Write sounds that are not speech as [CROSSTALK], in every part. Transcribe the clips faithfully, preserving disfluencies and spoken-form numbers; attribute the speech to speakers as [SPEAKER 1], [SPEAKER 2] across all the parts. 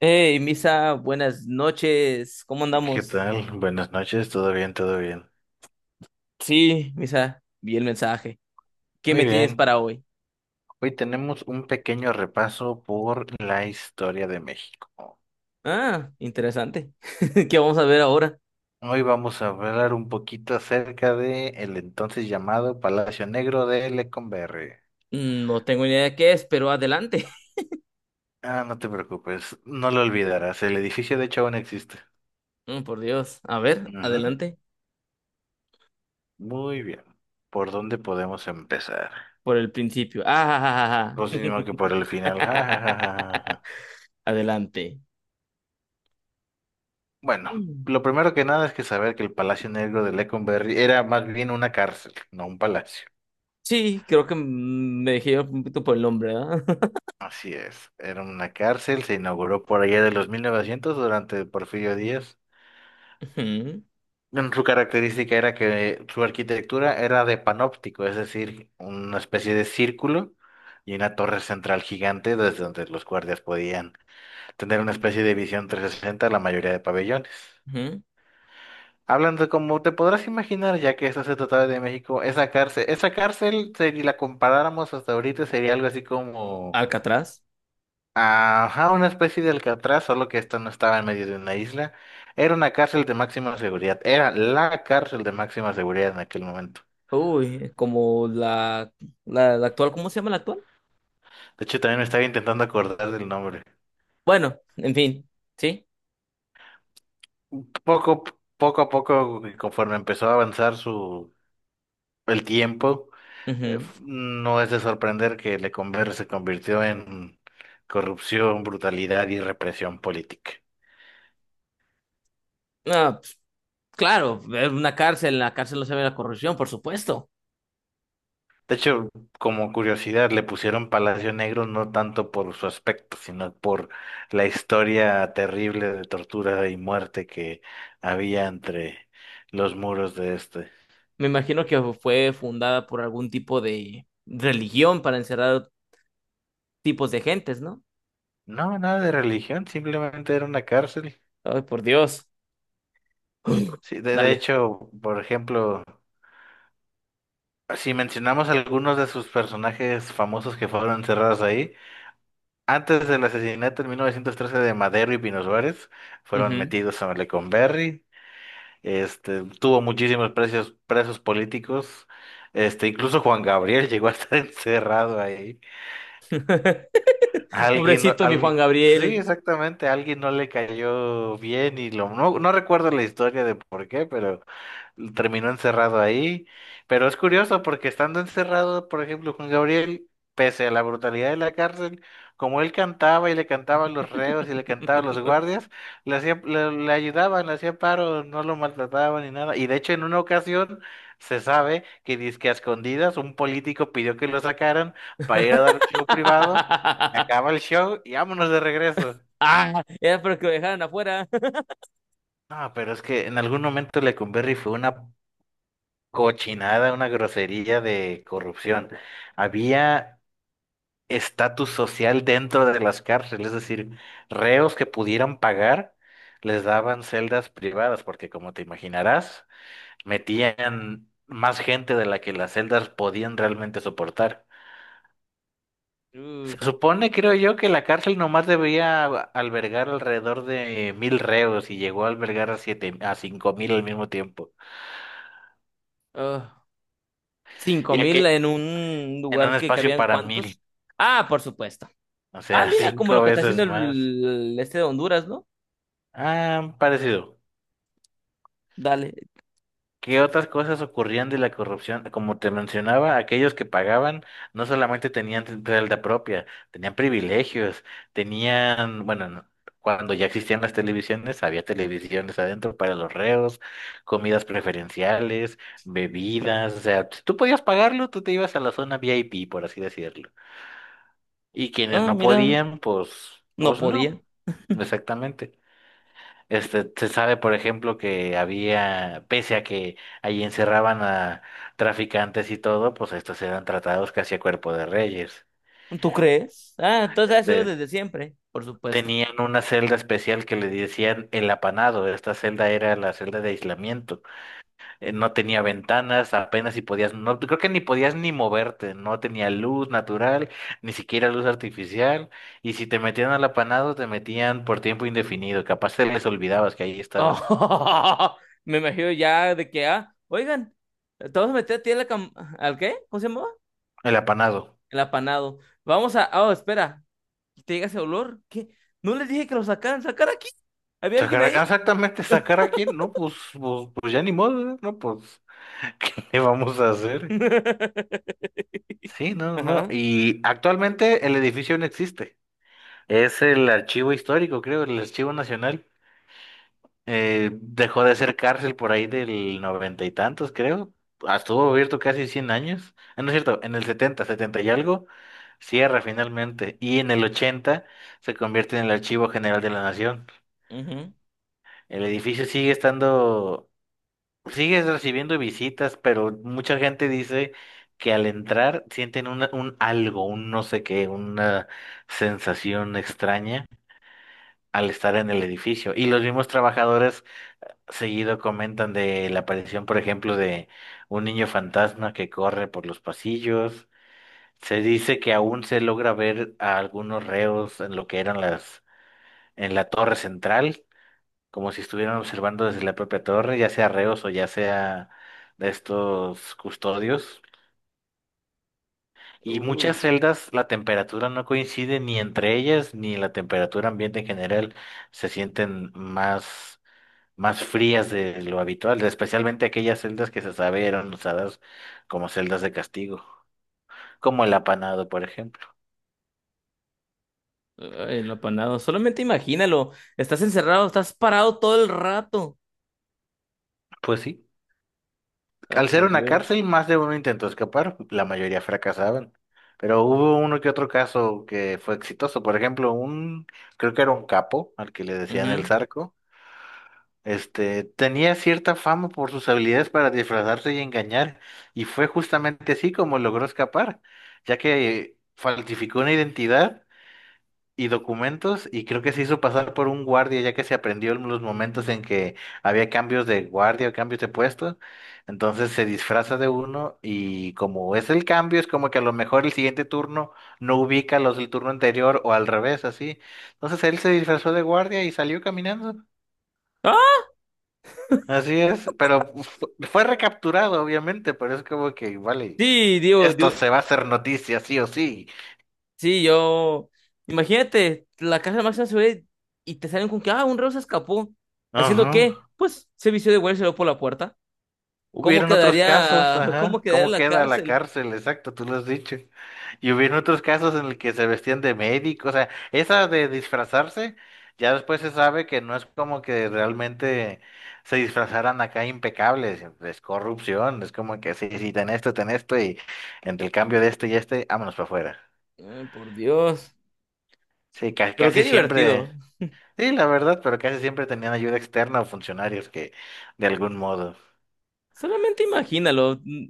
[SPEAKER 1] Hey, Misa, buenas noches. ¿Cómo
[SPEAKER 2] ¿Qué
[SPEAKER 1] andamos?
[SPEAKER 2] tal? Buenas noches, todo bien, todo bien.
[SPEAKER 1] Sí, Misa, vi el mensaje. ¿Qué
[SPEAKER 2] Muy
[SPEAKER 1] me tienes
[SPEAKER 2] bien.
[SPEAKER 1] para hoy?
[SPEAKER 2] Hoy tenemos un pequeño repaso por la historia de México.
[SPEAKER 1] Ah, interesante. [LAUGHS] ¿Qué vamos a ver ahora?
[SPEAKER 2] Hoy vamos a hablar un poquito acerca de el entonces llamado Palacio Negro de Lecumberri.
[SPEAKER 1] Mm, No tengo ni idea de qué es, pero adelante. [LAUGHS]
[SPEAKER 2] Ah, no te preocupes, no lo olvidarás. El edificio de hecho aún existe.
[SPEAKER 1] Mm, por Dios. A ver,
[SPEAKER 2] Ujú.
[SPEAKER 1] adelante.
[SPEAKER 2] Muy bien. ¿Por dónde podemos empezar?
[SPEAKER 1] Por el principio. Ah, ja,
[SPEAKER 2] Pues
[SPEAKER 1] ja,
[SPEAKER 2] sino que por el
[SPEAKER 1] ja,
[SPEAKER 2] final.
[SPEAKER 1] ja.
[SPEAKER 2] [LAUGHS]
[SPEAKER 1] [LAUGHS] Adelante.
[SPEAKER 2] Bueno,
[SPEAKER 1] Mm.
[SPEAKER 2] lo primero que nada es que saber que el Palacio Negro de Lecumberri era más bien una cárcel, no un palacio.
[SPEAKER 1] Sí, creo que mm, me dejé un poquito por el nombre, ¿verdad?
[SPEAKER 2] Así es, era una cárcel, se inauguró por allá de los mil novecientos durante Porfirio Díaz.
[SPEAKER 1] [LAUGHS] Ujú,
[SPEAKER 2] Mm, Su característica era que su arquitectura era de panóptico, es decir, una especie de círculo y una torre central gigante desde donde los guardias podían tener una especie de visión trescientos sesenta a la mayoría de pabellones.
[SPEAKER 1] ujú.
[SPEAKER 2] Hablando como te podrás imaginar, ya que esto se trataba de México, esa cárcel, esa cárcel, si la comparáramos hasta ahorita, sería algo así como,
[SPEAKER 1] Alcatraz.
[SPEAKER 2] ajá, una especie de Alcatraz, solo que esta no estaba en medio de una isla. Era una cárcel de máxima seguridad, era la cárcel de máxima seguridad en aquel momento.
[SPEAKER 1] Uy, como la, la, la actual, ¿cómo se llama la actual?
[SPEAKER 2] De hecho, también me estaba intentando acordar del nombre.
[SPEAKER 1] Bueno, en fin, sí.
[SPEAKER 2] Poco, poco a poco, conforme empezó a avanzar su, el tiempo, eh,
[SPEAKER 1] Ujú.
[SPEAKER 2] f- no es de sorprender que Lecumberri se convirtió en corrupción, brutalidad y represión política.
[SPEAKER 1] Ah, pues, claro, es una cárcel, en la cárcel no se ve la corrupción, por supuesto.
[SPEAKER 2] De hecho, como curiosidad, le pusieron Palacio Negro no tanto por su aspecto, sino por la historia terrible de tortura y muerte que había entre los muros de este.
[SPEAKER 1] Me imagino que fue fundada por algún tipo de religión para encerrar tipos de gentes, ¿no?
[SPEAKER 2] No, nada de religión, simplemente era una cárcel.
[SPEAKER 1] Ay, por Dios. [LAUGHS]
[SPEAKER 2] Sí, de, de
[SPEAKER 1] Dale.
[SPEAKER 2] hecho, por ejemplo, si mencionamos algunos de sus personajes famosos que fueron encerrados ahí, antes del asesinato en mil novecientos trece de Madero y Pino Suárez, fueron
[SPEAKER 1] Ujú.
[SPEAKER 2] metidos a Maleconberri, este, tuvo muchísimos presos, presos políticos, este, incluso Juan Gabriel [LAUGHS] llegó a estar [LAUGHS] encerrado ahí.
[SPEAKER 1] [LAUGHS]
[SPEAKER 2] Alguien, no-
[SPEAKER 1] Pobrecito mi Juan
[SPEAKER 2] al- sí,
[SPEAKER 1] Gabriel.
[SPEAKER 2] exactamente, alguien no le cayó bien y lo, no, no recuerdo la historia de por qué, pero terminó encerrado ahí. Pero es curioso porque estando encerrado, por ejemplo, Juan Gabriel, pese a la brutalidad de la cárcel, como él cantaba y le cantaba a los reos y le cantaba a los
[SPEAKER 1] [LAUGHS]
[SPEAKER 2] guardias, le hacía, le, le ayudaban, le hacía paro, no lo maltrataban ni nada. Y de hecho, en una ocasión se sabe que dizque a escondidas un político pidió que lo sacaran para ir a dar un show privado. Se acaba el show y vámonos de regreso.
[SPEAKER 1] Ah, era para que lo dejaran afuera. [LAUGHS]
[SPEAKER 2] No, pero es que en algún momento Lecumberri fue una cochinada, una grosería de corrupción. Había estatus social dentro de las cárceles, es decir, reos que pudieran pagar les daban celdas privadas, porque como te imaginarás, metían más gente de la que las celdas podían realmente soportar. Se
[SPEAKER 1] Uf,
[SPEAKER 2] supone, creo yo, que la cárcel nomás debía albergar alrededor de mil reos y llegó a albergar a siete, a cinco mil al mismo tiempo.
[SPEAKER 1] ah. Cinco
[SPEAKER 2] Ya
[SPEAKER 1] mil
[SPEAKER 2] que
[SPEAKER 1] en un
[SPEAKER 2] en un
[SPEAKER 1] lugar que
[SPEAKER 2] espacio
[SPEAKER 1] cabían
[SPEAKER 2] para
[SPEAKER 1] cuántos.
[SPEAKER 2] mil,
[SPEAKER 1] Ah, por supuesto.
[SPEAKER 2] o
[SPEAKER 1] Ah,
[SPEAKER 2] sea, [LAUGHS]
[SPEAKER 1] mira, como lo
[SPEAKER 2] cinco
[SPEAKER 1] que está haciendo
[SPEAKER 2] veces más.
[SPEAKER 1] el, este de Honduras, ¿no?
[SPEAKER 2] Ah, parecido.
[SPEAKER 1] Dale.
[SPEAKER 2] ¿Qué otras cosas ocurrían de la corrupción? Como te mencionaba, aquellos que pagaban no solamente tenían t- realidad propia, tenían privilegios, tenían, bueno, no- cuando ya existían las televisiones, había televisiones adentro para los reos, comidas preferenciales, bebidas, o sea, si tú podías pagarlo, tú te ibas a la zona V I P, por así decirlo. Y quienes
[SPEAKER 1] Ah,
[SPEAKER 2] no
[SPEAKER 1] mira,
[SPEAKER 2] podían, pues,
[SPEAKER 1] no
[SPEAKER 2] pues
[SPEAKER 1] podía.
[SPEAKER 2] no, exactamente. Este, se sabe, por ejemplo, que había, pese a que allí encerraban a traficantes y todo, pues estos eran tratados casi a cuerpo de reyes.
[SPEAKER 1] ¿Tú crees? Ah, entonces ha sido
[SPEAKER 2] Este,
[SPEAKER 1] desde siempre, por supuesto.
[SPEAKER 2] tenían una celda especial que le decían el apanado. Esta celda era la celda de aislamiento. Eh, no tenía ventanas, apenas si podías, no, creo que ni podías ni moverte, no tenía luz natural, ni siquiera luz artificial. Y si te metían al apanado, te metían por tiempo indefinido. Capaz te les olvidabas que ahí estabas.
[SPEAKER 1] Oh, [LAUGHS] me imagino ya de que, ah, oigan, te vas a meter a ti en la cam- ¿Al qué? ¿Cómo se llamaba?
[SPEAKER 2] El apanado.
[SPEAKER 1] El apanado. Vamos a. Oh, espera. ¿Te llega ese olor? ¿Qué? ¿No les dije que lo sacaran? ¿Sacar aquí? ¿Había alguien
[SPEAKER 2] Sacar
[SPEAKER 1] ahí?
[SPEAKER 2] a- ah, exactamente, sacar a quién, no, pues, pues, pues ya ni modo, ¿eh? No, pues, [LAUGHS] ¿qué le vamos a hacer?
[SPEAKER 1] [LAUGHS]
[SPEAKER 2] Sí, no, no, no,
[SPEAKER 1] Ajá.
[SPEAKER 2] y actualmente el edificio no existe, es el archivo histórico, creo, el archivo nacional. Eh, dejó de ser cárcel por ahí del noventa y tantos, creo. Ah, estuvo abierto casi cien años. Ah, no es cierto, en el setenta, setenta y algo, cierra finalmente, y en el ochenta se convierte en el Archivo General de la Nación,
[SPEAKER 1] Ujú.
[SPEAKER 2] el edificio sigue estando... Sigues recibiendo visitas, pero mucha gente dice que al entrar sienten una- un algo, un no sé qué, una sensación extraña al estar en el edificio. Y los mismos trabajadores seguido comentan de la aparición, por ejemplo, de un niño fantasma que corre por los pasillos. Se dice que aún se logra ver a algunos reos en lo que eran las, en la torre central como si estuvieran observando desde la propia torre, ya sea reos o ya sea de estos custodios. Y muchas
[SPEAKER 1] Uy,
[SPEAKER 2] celdas la temperatura no coincide ni entre ellas ni la temperatura ambiente en general se sienten más, más frías de lo habitual, especialmente aquellas celdas que se sabe eran usadas como celdas de castigo, como el apanado, por ejemplo.
[SPEAKER 1] ay, el apanado. Solamente imagínalo. Estás encerrado, estás parado todo el rato.
[SPEAKER 2] Pues sí.
[SPEAKER 1] Ay,
[SPEAKER 2] Al ser
[SPEAKER 1] por
[SPEAKER 2] una
[SPEAKER 1] Dios.
[SPEAKER 2] cárcel, más de uno intentó escapar, la mayoría fracasaban. Pero hubo uno que otro caso que fue exitoso. Por ejemplo, un, creo que era un capo, al que le decían el
[SPEAKER 1] Ujú.
[SPEAKER 2] Zarco, este, tenía cierta fama por sus habilidades para disfrazarse y engañar, y fue justamente así como logró escapar, ya que falsificó una identidad y documentos y creo que se hizo pasar por un guardia ya que se aprendió en los momentos en que había cambios de guardia o cambios de puesto. Entonces se disfraza de uno y como es el cambio, es como que a lo mejor el siguiente turno no ubica a los del turno anterior o al revés, así. Entonces él se disfrazó de guardia y salió caminando.
[SPEAKER 1] ¡Ah!
[SPEAKER 2] Así es, pero fu- fue recapturado, obviamente, pero es como que, vale,
[SPEAKER 1] Sí, digo,
[SPEAKER 2] esto
[SPEAKER 1] digo,
[SPEAKER 2] se va a hacer noticia, sí o sí.
[SPEAKER 1] sí, yo. Imagínate, la casa de máxima seguridad y te salen con que, ah, un reo se escapó. ¿Haciendo qué?
[SPEAKER 2] Ajá.
[SPEAKER 1] Pues se vistió de güey y se lo por la puerta. ¿Cómo
[SPEAKER 2] Hubieron otros casos,
[SPEAKER 1] quedaría, [LAUGHS] cómo
[SPEAKER 2] ajá,
[SPEAKER 1] quedaría
[SPEAKER 2] ¿cómo
[SPEAKER 1] la
[SPEAKER 2] queda la
[SPEAKER 1] cárcel?
[SPEAKER 2] cárcel? Exacto, tú lo has dicho. Y hubieron otros casos en el que se vestían de médico, o sea, esa de disfrazarse, ya después se sabe que no es como que realmente se disfrazaran acá impecables, es corrupción, es como que sí, sí, ten esto, ten esto, y entre el cambio de esto y este, vámonos para afuera.
[SPEAKER 1] Ay, por Dios.
[SPEAKER 2] Sí, ca-
[SPEAKER 1] Pero qué
[SPEAKER 2] casi siempre,
[SPEAKER 1] divertido.
[SPEAKER 2] sí, la verdad, pero casi siempre tenían ayuda externa o funcionarios que, de algún modo,
[SPEAKER 1] Solamente imagínalo. mm,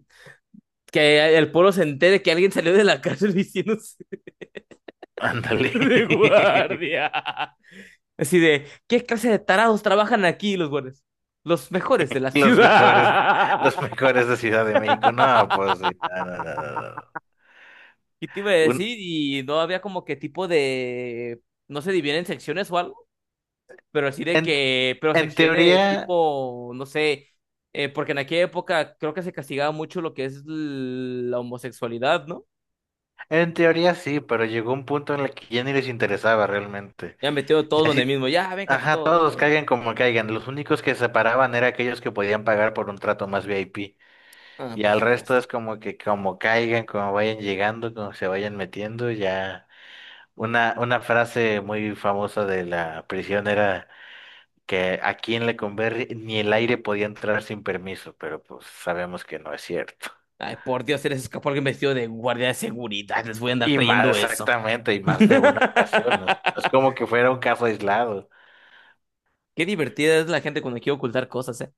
[SPEAKER 1] Que el pueblo se entere que alguien salió de la [LAUGHS] cárcel diciendo [LAUGHS]
[SPEAKER 2] ándale.
[SPEAKER 1] de
[SPEAKER 2] [LAUGHS]
[SPEAKER 1] guardia. Así de, ¿qué clase de tarados trabajan aquí los guardias? Los mejores de la
[SPEAKER 2] Los mejores,
[SPEAKER 1] ciudad.
[SPEAKER 2] los
[SPEAKER 1] [LAUGHS]
[SPEAKER 2] mejores de Ciudad de México. No, pues sí. No, no, no, no, no.
[SPEAKER 1] Y te iba a
[SPEAKER 2] Un-
[SPEAKER 1] decir, y no había como que tipo de. No se dividen secciones o algo, pero así de
[SPEAKER 2] en,
[SPEAKER 1] que. Pero
[SPEAKER 2] en teoría,
[SPEAKER 1] secciones tipo, no sé. Eh, porque en aquella época creo que se castigaba mucho lo que es l- la homosexualidad, ¿no?
[SPEAKER 2] en teoría sí, pero llegó un punto en el que ya ni les interesaba realmente.
[SPEAKER 1] Ya metido todos
[SPEAKER 2] Y
[SPEAKER 1] donde
[SPEAKER 2] así,
[SPEAKER 1] mismo. Ya, vénganse
[SPEAKER 2] ajá,
[SPEAKER 1] todos.
[SPEAKER 2] todos
[SPEAKER 1] Ándale.
[SPEAKER 2] caigan como caigan. Los únicos que se paraban eran aquellos que podían pagar por un trato más V I P.
[SPEAKER 1] Ah,
[SPEAKER 2] Y
[SPEAKER 1] por
[SPEAKER 2] al resto
[SPEAKER 1] supuesto.
[SPEAKER 2] es como que como caigan, como vayan llegando, como se vayan metiendo, ya. Una, una frase muy famosa de la prisión era que aquí en Lecumberri ni el aire podía entrar sin permiso, pero pues sabemos que no es cierto. [LAUGHS]
[SPEAKER 1] Ay, por Dios, se les escapó alguien vestido de guardia de seguridad. Les voy a andar
[SPEAKER 2] Y más
[SPEAKER 1] creyendo eso.
[SPEAKER 2] exactamente, y más de una ocasión, no es no es
[SPEAKER 1] [LAUGHS]
[SPEAKER 2] como que fuera un caso aislado.
[SPEAKER 1] Qué divertida es la gente cuando quiere ocultar cosas, ¿eh?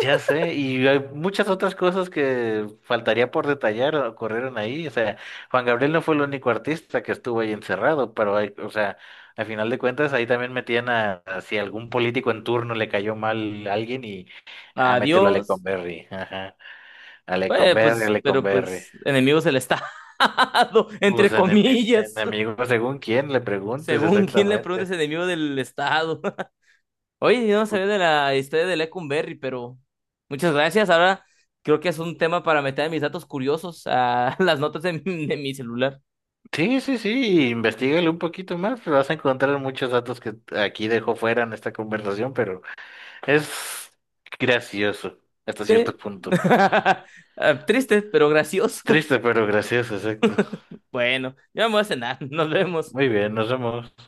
[SPEAKER 2] Ya sé, y hay muchas otras cosas que faltaría por detallar ocurrieron ahí. O sea, Juan Gabriel no fue el único artista que estuvo ahí encerrado, pero hay- o sea, al final de cuentas ahí también metían a, a si algún político en turno le cayó mal a alguien y a mételo a
[SPEAKER 1] Adiós.
[SPEAKER 2] Lecumberri, ajá, a
[SPEAKER 1] Eh,
[SPEAKER 2] Lecumberri, a
[SPEAKER 1] pues, pero
[SPEAKER 2] Lecumberri.
[SPEAKER 1] pues, enemigos del Estado, [LAUGHS] entre
[SPEAKER 2] Los enemigos,
[SPEAKER 1] comillas.
[SPEAKER 2] enemigos, según quién le preguntes
[SPEAKER 1] Según quien le preguntes,
[SPEAKER 2] exactamente.
[SPEAKER 1] enemigo del Estado. [LAUGHS] Oye, yo no sabía de la historia de Lecumberri, pero muchas gracias. Ahora creo que es un tema para meter mis datos curiosos a [LAUGHS] las notas de, mi de mi celular.
[SPEAKER 2] Sí, sí, sí, investigale un poquito más, pero vas a encontrar muchos datos que aquí dejo fuera en esta conversación, pero es gracioso hasta cierto
[SPEAKER 1] Sí.
[SPEAKER 2] punto.
[SPEAKER 1] [LAUGHS] Ah, triste, pero gracioso. [LAUGHS]
[SPEAKER 2] Triste, pero gracioso, exacto.
[SPEAKER 1] Bueno, ya me voy a cenar. Nos vemos.
[SPEAKER 2] Muy bien, nos vemos.